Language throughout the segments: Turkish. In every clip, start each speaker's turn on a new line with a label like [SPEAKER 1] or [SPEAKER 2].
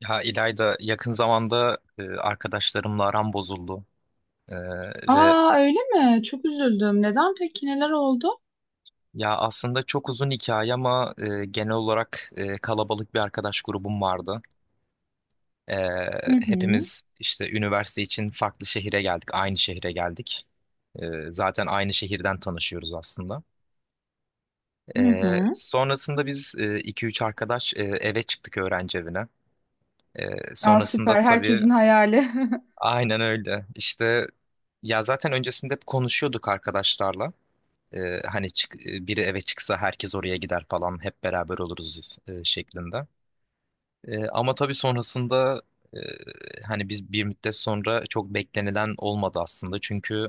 [SPEAKER 1] Ya İlayda yakın zamanda arkadaşlarımla aram bozuldu. E, ve
[SPEAKER 2] Aa, öyle mi? Çok üzüldüm. Neden peki? Neler oldu?
[SPEAKER 1] Ya aslında çok uzun hikaye ama genel olarak kalabalık bir arkadaş grubum vardı. E,
[SPEAKER 2] Hı hı,
[SPEAKER 1] Hepimiz işte üniversite için aynı şehre geldik. Zaten aynı şehirden tanışıyoruz aslında.
[SPEAKER 2] hı hı.
[SPEAKER 1] Sonrasında biz iki üç arkadaş eve çıktık, öğrenci evine.
[SPEAKER 2] Aa,
[SPEAKER 1] Sonrasında
[SPEAKER 2] süper.
[SPEAKER 1] tabii
[SPEAKER 2] Herkesin hayali.
[SPEAKER 1] aynen öyle. İşte ya zaten öncesinde hep konuşuyorduk arkadaşlarla. Hani biri eve çıksa herkes oraya gider falan, hep beraber oluruz biz, şeklinde. Ama tabii sonrasında e, hani biz bir müddet sonra çok beklenilen olmadı aslında. Çünkü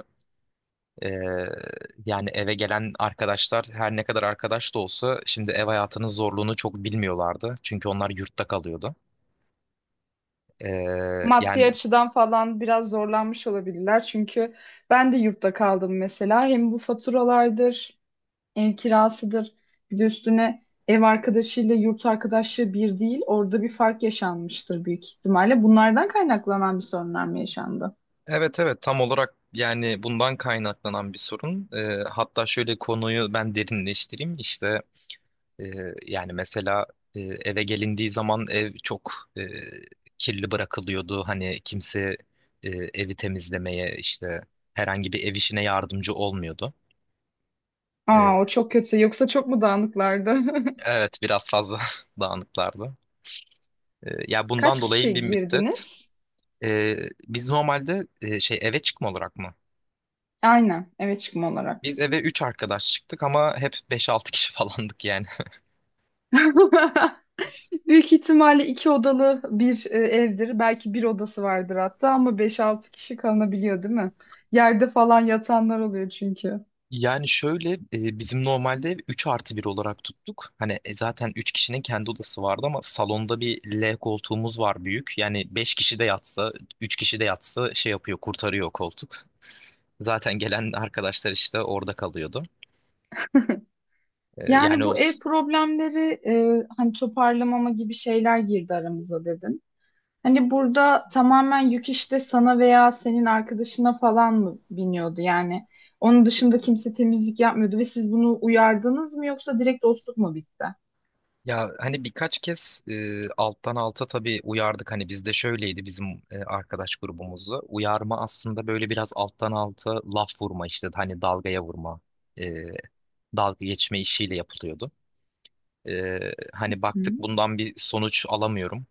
[SPEAKER 1] e, yani eve gelen arkadaşlar her ne kadar arkadaş da olsa şimdi ev hayatının zorluğunu çok bilmiyorlardı. Çünkü onlar yurtta kalıyordu. E,
[SPEAKER 2] Maddi
[SPEAKER 1] Yani
[SPEAKER 2] açıdan falan biraz zorlanmış olabilirler. Çünkü ben de yurtta kaldım mesela. Hem bu faturalardır, ev kirasıdır. Bir de üstüne ev arkadaşıyla yurt arkadaşı bir değil. Orada bir fark yaşanmıştır büyük ihtimalle. Bunlardan kaynaklanan bir sorunlar mı yaşandı?
[SPEAKER 1] evet evet, tam olarak yani bundan kaynaklanan bir sorun. Hatta şöyle, konuyu ben derinleştireyim. İşte Ee, yani mesela eve gelindiği zaman ev çok e, kirli bırakılıyordu. Hani kimse evi temizlemeye, işte herhangi bir ev işine yardımcı olmuyordu. Ee,
[SPEAKER 2] Aa, o çok kötü. Yoksa çok mu dağınıklardı?
[SPEAKER 1] evet, biraz fazla dağınıklardı. Ya bundan
[SPEAKER 2] Kaç
[SPEAKER 1] dolayı
[SPEAKER 2] kişi
[SPEAKER 1] bir müddet
[SPEAKER 2] girdiniz?
[SPEAKER 1] e, biz normalde eve çıkma olarak mı?
[SPEAKER 2] Aynen eve çıkma olarak.
[SPEAKER 1] Biz eve 3 arkadaş çıktık ama hep beş altı kişi falandık yani.
[SPEAKER 2] Büyük ihtimalle iki odalı bir evdir. Belki bir odası vardır hatta ama beş altı kişi kalınabiliyor değil mi? Yerde falan yatanlar oluyor çünkü.
[SPEAKER 1] Yani şöyle bizim normalde 3 artı bir olarak tuttuk. Hani zaten 3 kişinin kendi odası vardı ama salonda bir L koltuğumuz var, büyük. Yani 5 kişi de yatsa, 3 kişi de yatsa şey yapıyor, kurtarıyor o koltuk. Zaten gelen arkadaşlar işte orada kalıyordu. Yani
[SPEAKER 2] Yani
[SPEAKER 1] o
[SPEAKER 2] bu ev problemleri hani toparlamama gibi şeyler girdi aramıza dedin. Hani burada tamamen yük işte sana veya senin arkadaşına falan mı biniyordu yani? Onun dışında kimse temizlik yapmıyordu ve siz bunu uyardınız mı yoksa direkt dostluk mu bitti?
[SPEAKER 1] ya hani birkaç kez alttan alta tabii uyardık. Hani bizde şöyleydi, bizim arkadaş grubumuzda. Uyarma aslında böyle biraz alttan alta laf vurma, işte hani dalgaya vurma, e, dalga geçme işiyle yapılıyordu. Ee, Hani
[SPEAKER 2] Hı.
[SPEAKER 1] baktık bundan bir sonuç alamıyorum.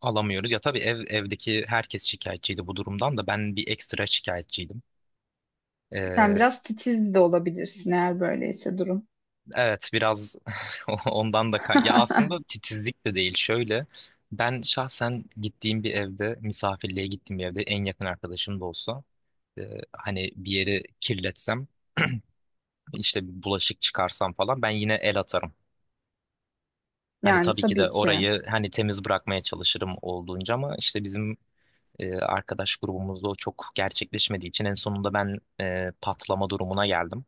[SPEAKER 1] Alamıyoruz. Ya tabii evdeki herkes şikayetçiydi bu durumdan, da ben bir ekstra şikayetçiydim.
[SPEAKER 2] Sen
[SPEAKER 1] Ee,
[SPEAKER 2] biraz titiz de olabilirsin eğer böyleyse durum.
[SPEAKER 1] evet biraz ya aslında titizlik de değil şöyle. Ben şahsen gittiğim bir evde, misafirliğe gittiğim bir evde en yakın arkadaşım da olsa e, hani bir yeri kirletsem, işte bir bulaşık çıkarsam falan ben yine el atarım. Hani
[SPEAKER 2] Yani
[SPEAKER 1] tabii ki de
[SPEAKER 2] tabii ki.
[SPEAKER 1] orayı hani temiz bırakmaya çalışırım olduğunca, ama işte bizim arkadaş grubumuzda o çok gerçekleşmediği için en sonunda ben patlama durumuna geldim.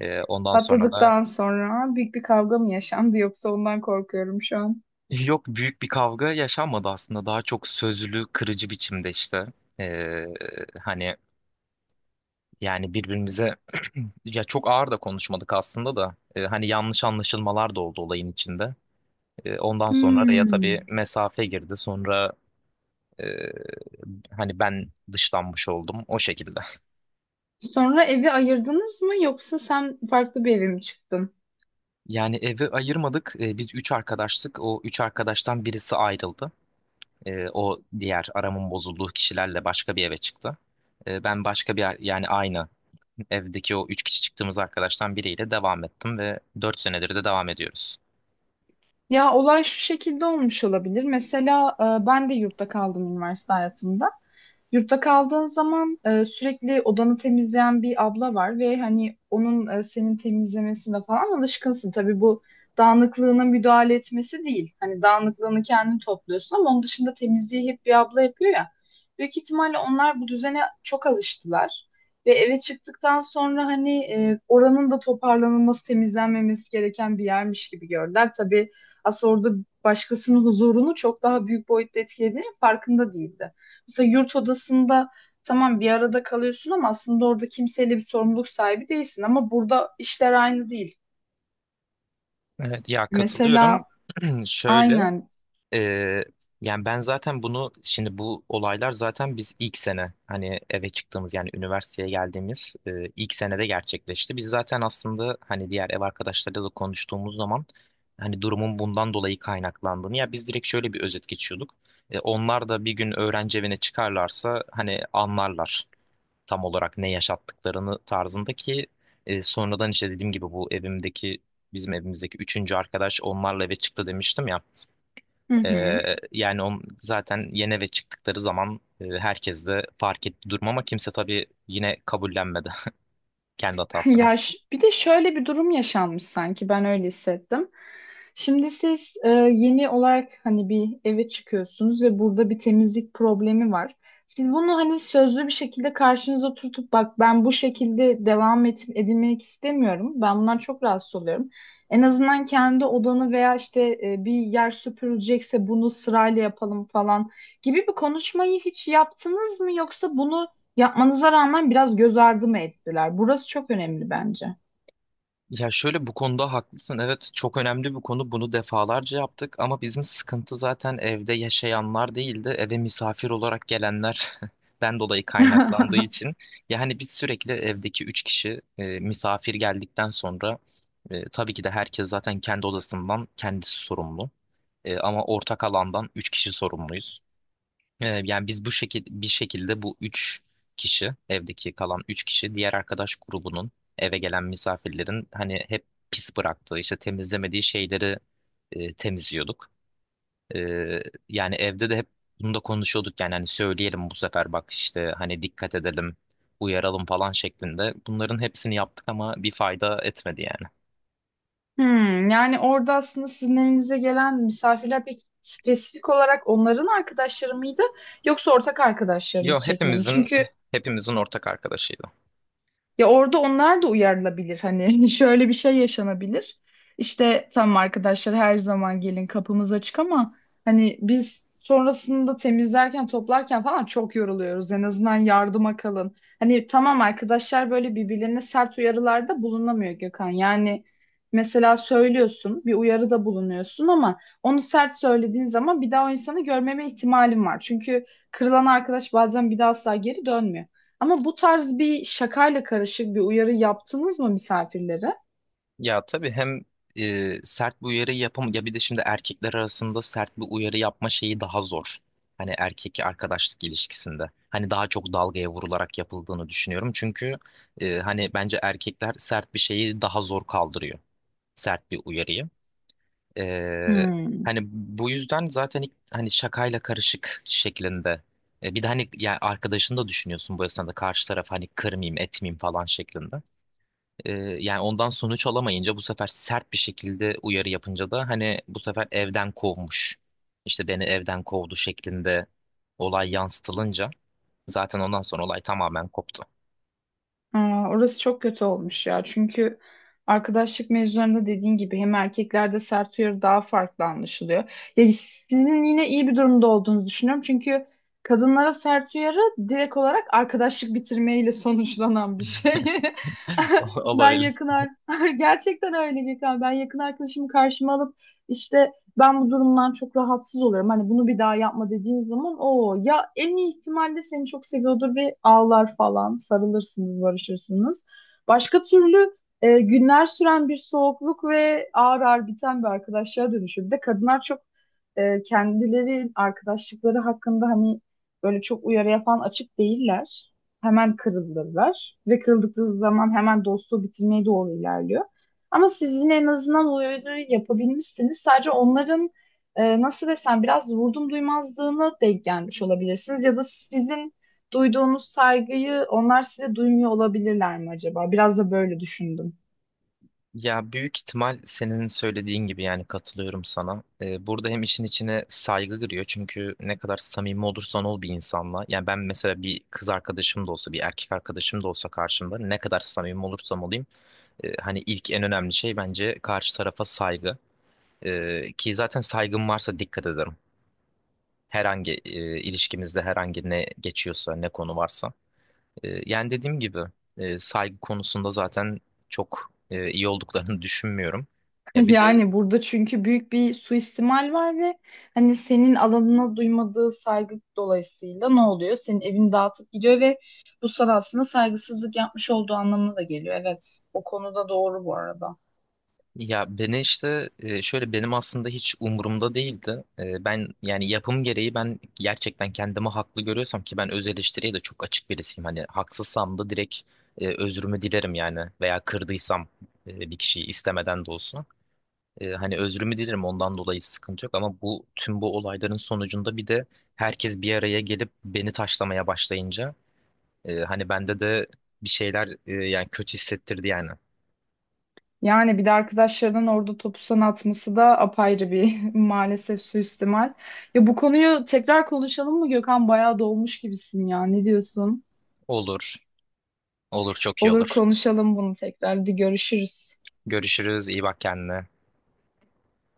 [SPEAKER 1] Ondan sonra da
[SPEAKER 2] Patladıktan sonra büyük bir kavga mı yaşandı yoksa ondan korkuyorum şu an.
[SPEAKER 1] yok, büyük bir kavga yaşanmadı aslında. Daha çok sözlü, kırıcı biçimde işte. E, hani Birbirimize ya çok ağır da konuşmadık aslında da. Hani yanlış anlaşılmalar da oldu olayın içinde. Ondan sonra araya
[SPEAKER 2] Hmm.
[SPEAKER 1] tabii mesafe girdi. Sonra e, hani ben dışlanmış oldum o şekilde.
[SPEAKER 2] Sonra evi ayırdınız mı yoksa sen farklı bir eve mi çıktın?
[SPEAKER 1] Yani evi ayırmadık. Biz üç arkadaştık. O üç arkadaştan birisi ayrıldı. O diğer aramın bozulduğu kişilerle başka bir eve çıktı. Ben başka bir, yani aynı evdeki o üç kişi çıktığımız arkadaştan biriyle devam ettim ve dört senedir de devam ediyoruz.
[SPEAKER 2] Ya olay şu şekilde olmuş olabilir. Mesela ben de yurtta kaldım üniversite hayatımda. Yurtta kaldığın zaman sürekli odanı temizleyen bir abla var ve hani onun senin temizlemesine falan alışkınsın. Tabii bu dağınıklığına müdahale etmesi değil. Hani dağınıklığını kendin topluyorsun ama onun dışında temizliği hep bir abla yapıyor ya. Büyük ihtimalle onlar bu düzene çok alıştılar. Ve eve çıktıktan sonra hani oranın da toparlanılması, temizlenmemesi gereken bir yermiş gibi gördüler. Tabii aslında orada başkasının huzurunu çok daha büyük boyutta etkilediğinin farkında değildi. Mesela yurt odasında tamam bir arada kalıyorsun ama aslında orada kimseyle bir sorumluluk sahibi değilsin ama burada işler aynı değil.
[SPEAKER 1] Evet, ya katılıyorum.
[SPEAKER 2] Mesela
[SPEAKER 1] Şöyle
[SPEAKER 2] aynen.
[SPEAKER 1] Ee, yani ben zaten bunu, şimdi bu olaylar zaten biz ilk sene, hani eve çıktığımız, yani üniversiteye geldiğimiz ilk senede gerçekleşti. Biz zaten aslında hani diğer ev arkadaşlarıyla da konuştuğumuz zaman hani durumun bundan dolayı kaynaklandığını, ya biz direkt şöyle bir özet geçiyorduk. Onlar da bir gün öğrenci evine çıkarlarsa hani anlarlar tam olarak ne yaşattıklarını tarzındaki sonradan işte dediğim gibi bu evimdeki bizim evimizdeki üçüncü arkadaş onlarla eve çıktı demiştim ya.
[SPEAKER 2] Hı hı.
[SPEAKER 1] Yani zaten yeni eve çıktıkları zaman herkes de fark etti durum, ama kimse tabii yine kabullenmedi kendi hatasını.
[SPEAKER 2] Ya bir de şöyle bir durum yaşanmış sanki, ben öyle hissettim. Şimdi siz yeni olarak hani bir eve çıkıyorsunuz ve burada bir temizlik problemi var. Siz bunu hani sözlü bir şekilde karşınıza oturtup bak ben bu şekilde edilmek istemiyorum. Ben bundan çok rahatsız oluyorum. En azından kendi odanı veya işte bir yer süpürülecekse bunu sırayla yapalım falan gibi bir konuşmayı hiç yaptınız mı? Yoksa bunu yapmanıza rağmen biraz göz ardı mı ettiler? Burası çok önemli bence.
[SPEAKER 1] Ya şöyle, bu konuda haklısın. Evet, çok önemli bir konu. Bunu defalarca yaptık ama bizim sıkıntı zaten evde yaşayanlar değildi. Eve misafir olarak gelenler ben dolayı kaynaklandığı için. Yani biz sürekli evdeki üç kişi misafir geldikten sonra, tabii ki de herkes zaten kendi odasından kendisi sorumlu. Ama ortak alandan üç kişi sorumluyuz. Yani biz bu şekil bir şekilde bu üç kişi evdeki kalan üç kişi, diğer arkadaş grubunun eve gelen misafirlerin hani hep pis bıraktığı, işte temizlemediği şeyleri temizliyorduk. Ee, Yani evde de hep bunu da konuşuyorduk yani, hani söyleyelim bu sefer bak, işte hani dikkat edelim, uyaralım falan şeklinde. Bunların hepsini yaptık ama bir fayda etmedi yani.
[SPEAKER 2] Hmm, yani orada aslında sizin evinize gelen misafirler pek spesifik olarak onların arkadaşları mıydı yoksa ortak arkadaşlarınız
[SPEAKER 1] Yo
[SPEAKER 2] şeklinde mi?
[SPEAKER 1] hepimizin
[SPEAKER 2] Çünkü
[SPEAKER 1] hepimizin ortak arkadaşıydı.
[SPEAKER 2] ya orada onlar da uyarılabilir hani şöyle bir şey yaşanabilir. İşte tamam arkadaşlar, her zaman gelin, kapımız açık ama hani biz sonrasında temizlerken toplarken falan çok yoruluyoruz. En azından yardıma kalın. Hani tamam, arkadaşlar böyle birbirlerine sert uyarılarda bulunamıyor Gökhan. Yani mesela söylüyorsun, bir uyarıda bulunuyorsun ama onu sert söylediğin zaman bir daha o insanı görmeme ihtimalin var. Çünkü kırılan arkadaş bazen bir daha asla geri dönmüyor. Ama bu tarz bir şakayla karışık bir uyarı yaptınız mı misafirlere?
[SPEAKER 1] Ya tabii hem sert bir uyarı yapam, ya bir de şimdi erkekler arasında sert bir uyarı yapma şeyi daha zor. Hani erkek arkadaşlık ilişkisinde. Hani daha çok dalgaya vurularak yapıldığını düşünüyorum. Çünkü hani bence erkekler sert bir şeyi daha zor kaldırıyor. Sert bir uyarıyı. E,
[SPEAKER 2] Hmm.
[SPEAKER 1] Hani bu yüzden zaten ilk, hani şakayla karışık şeklinde. Bir de hani ya arkadaşını da düşünüyorsun bu esnada, karşı taraf hani kırmayayım etmeyeyim falan şeklinde. Ee, Yani ondan sonuç alamayınca bu sefer sert bir şekilde uyarı yapınca da hani bu sefer evden kovmuş. İşte beni evden kovdu şeklinde olay yansıtılınca zaten ondan sonra olay tamamen koptu.
[SPEAKER 2] Aa, orası çok kötü olmuş ya. Çünkü arkadaşlık mevzularında dediğin gibi hem erkeklerde sert uyarı daha farklı anlaşılıyor. Ya sizin yine iyi bir durumda olduğunuzu düşünüyorum. Çünkü kadınlara sert uyarı direkt olarak arkadaşlık bitirmeyle sonuçlanan bir şey. Ben
[SPEAKER 1] Olabilir.
[SPEAKER 2] gerçekten öyle Gökhan. Ben yakın arkadaşımı karşıma alıp işte ben bu durumdan çok rahatsız oluyorum. Hani bunu bir daha yapma dediğin zaman o ya en iyi ihtimalle seni çok seviyordur ve ağlar falan, sarılırsınız, barışırsınız. Başka türlü günler süren bir soğukluk ve ağır ağır biten bir arkadaşlığa dönüşüyor. Bir de kadınlar çok kendileri arkadaşlıkları hakkında hani böyle çok uyarı yapan açık değiller. Hemen kırılırlar ve kırıldıkları zaman hemen dostluğu bitirmeye doğru ilerliyor. Ama siz yine en azından o öğünü yapabilmişsiniz. Sadece onların nasıl desem biraz vurdum duymazlığına denk gelmiş olabilirsiniz. Ya da sizin duyduğunuz saygıyı onlar size duymuyor olabilirler mi acaba? Biraz da böyle düşündüm.
[SPEAKER 1] Ya büyük ihtimal senin söylediğin gibi, yani katılıyorum sana. Burada hem işin içine saygı giriyor, çünkü ne kadar samimi olursan ol bir insanla. Yani ben mesela bir kız arkadaşım da olsa bir erkek arkadaşım da olsa karşımda ne kadar samimi olursam olayım hani ilk en önemli şey bence karşı tarafa saygı. Ki zaten saygım varsa dikkat ederim. Herhangi ilişkimizde herhangi ne geçiyorsa, ne konu varsa. Yani dediğim gibi saygı konusunda zaten çok iyi olduklarını düşünmüyorum. Ya bir de
[SPEAKER 2] Yani burada çünkü büyük bir suistimal var ve hani senin alanına duymadığı saygı dolayısıyla ne oluyor? Senin evini dağıtıp gidiyor ve bu sana aslında saygısızlık yapmış olduğu anlamına da geliyor. Evet, o konuda doğru bu arada.
[SPEAKER 1] Ya beni işte şöyle, benim aslında hiç umurumda değildi. Ben yani yapım gereği ben gerçekten kendimi haklı görüyorsam, ki ben öz eleştiriye de çok açık birisiyim. Hani haksızsam da direkt özrümü dilerim yani, veya kırdıysam bir kişiyi istemeden de olsa. Hani özrümü dilerim, ondan dolayı sıkıntı yok, ama bu tüm bu olayların sonucunda bir de herkes bir araya gelip beni taşlamaya başlayınca hani bende de bir şeyler yani kötü hissettirdi yani.
[SPEAKER 2] Yani bir de arkadaşlarının orada topu sana atması da apayrı bir maalesef suistimal. Ya bu konuyu tekrar konuşalım mı Gökhan? Bayağı dolmuş gibisin ya. Ne diyorsun?
[SPEAKER 1] Olur, olur, çok iyi
[SPEAKER 2] Olur,
[SPEAKER 1] olur.
[SPEAKER 2] konuşalım bunu tekrar. Hadi görüşürüz.
[SPEAKER 1] Görüşürüz. İyi bak kendine.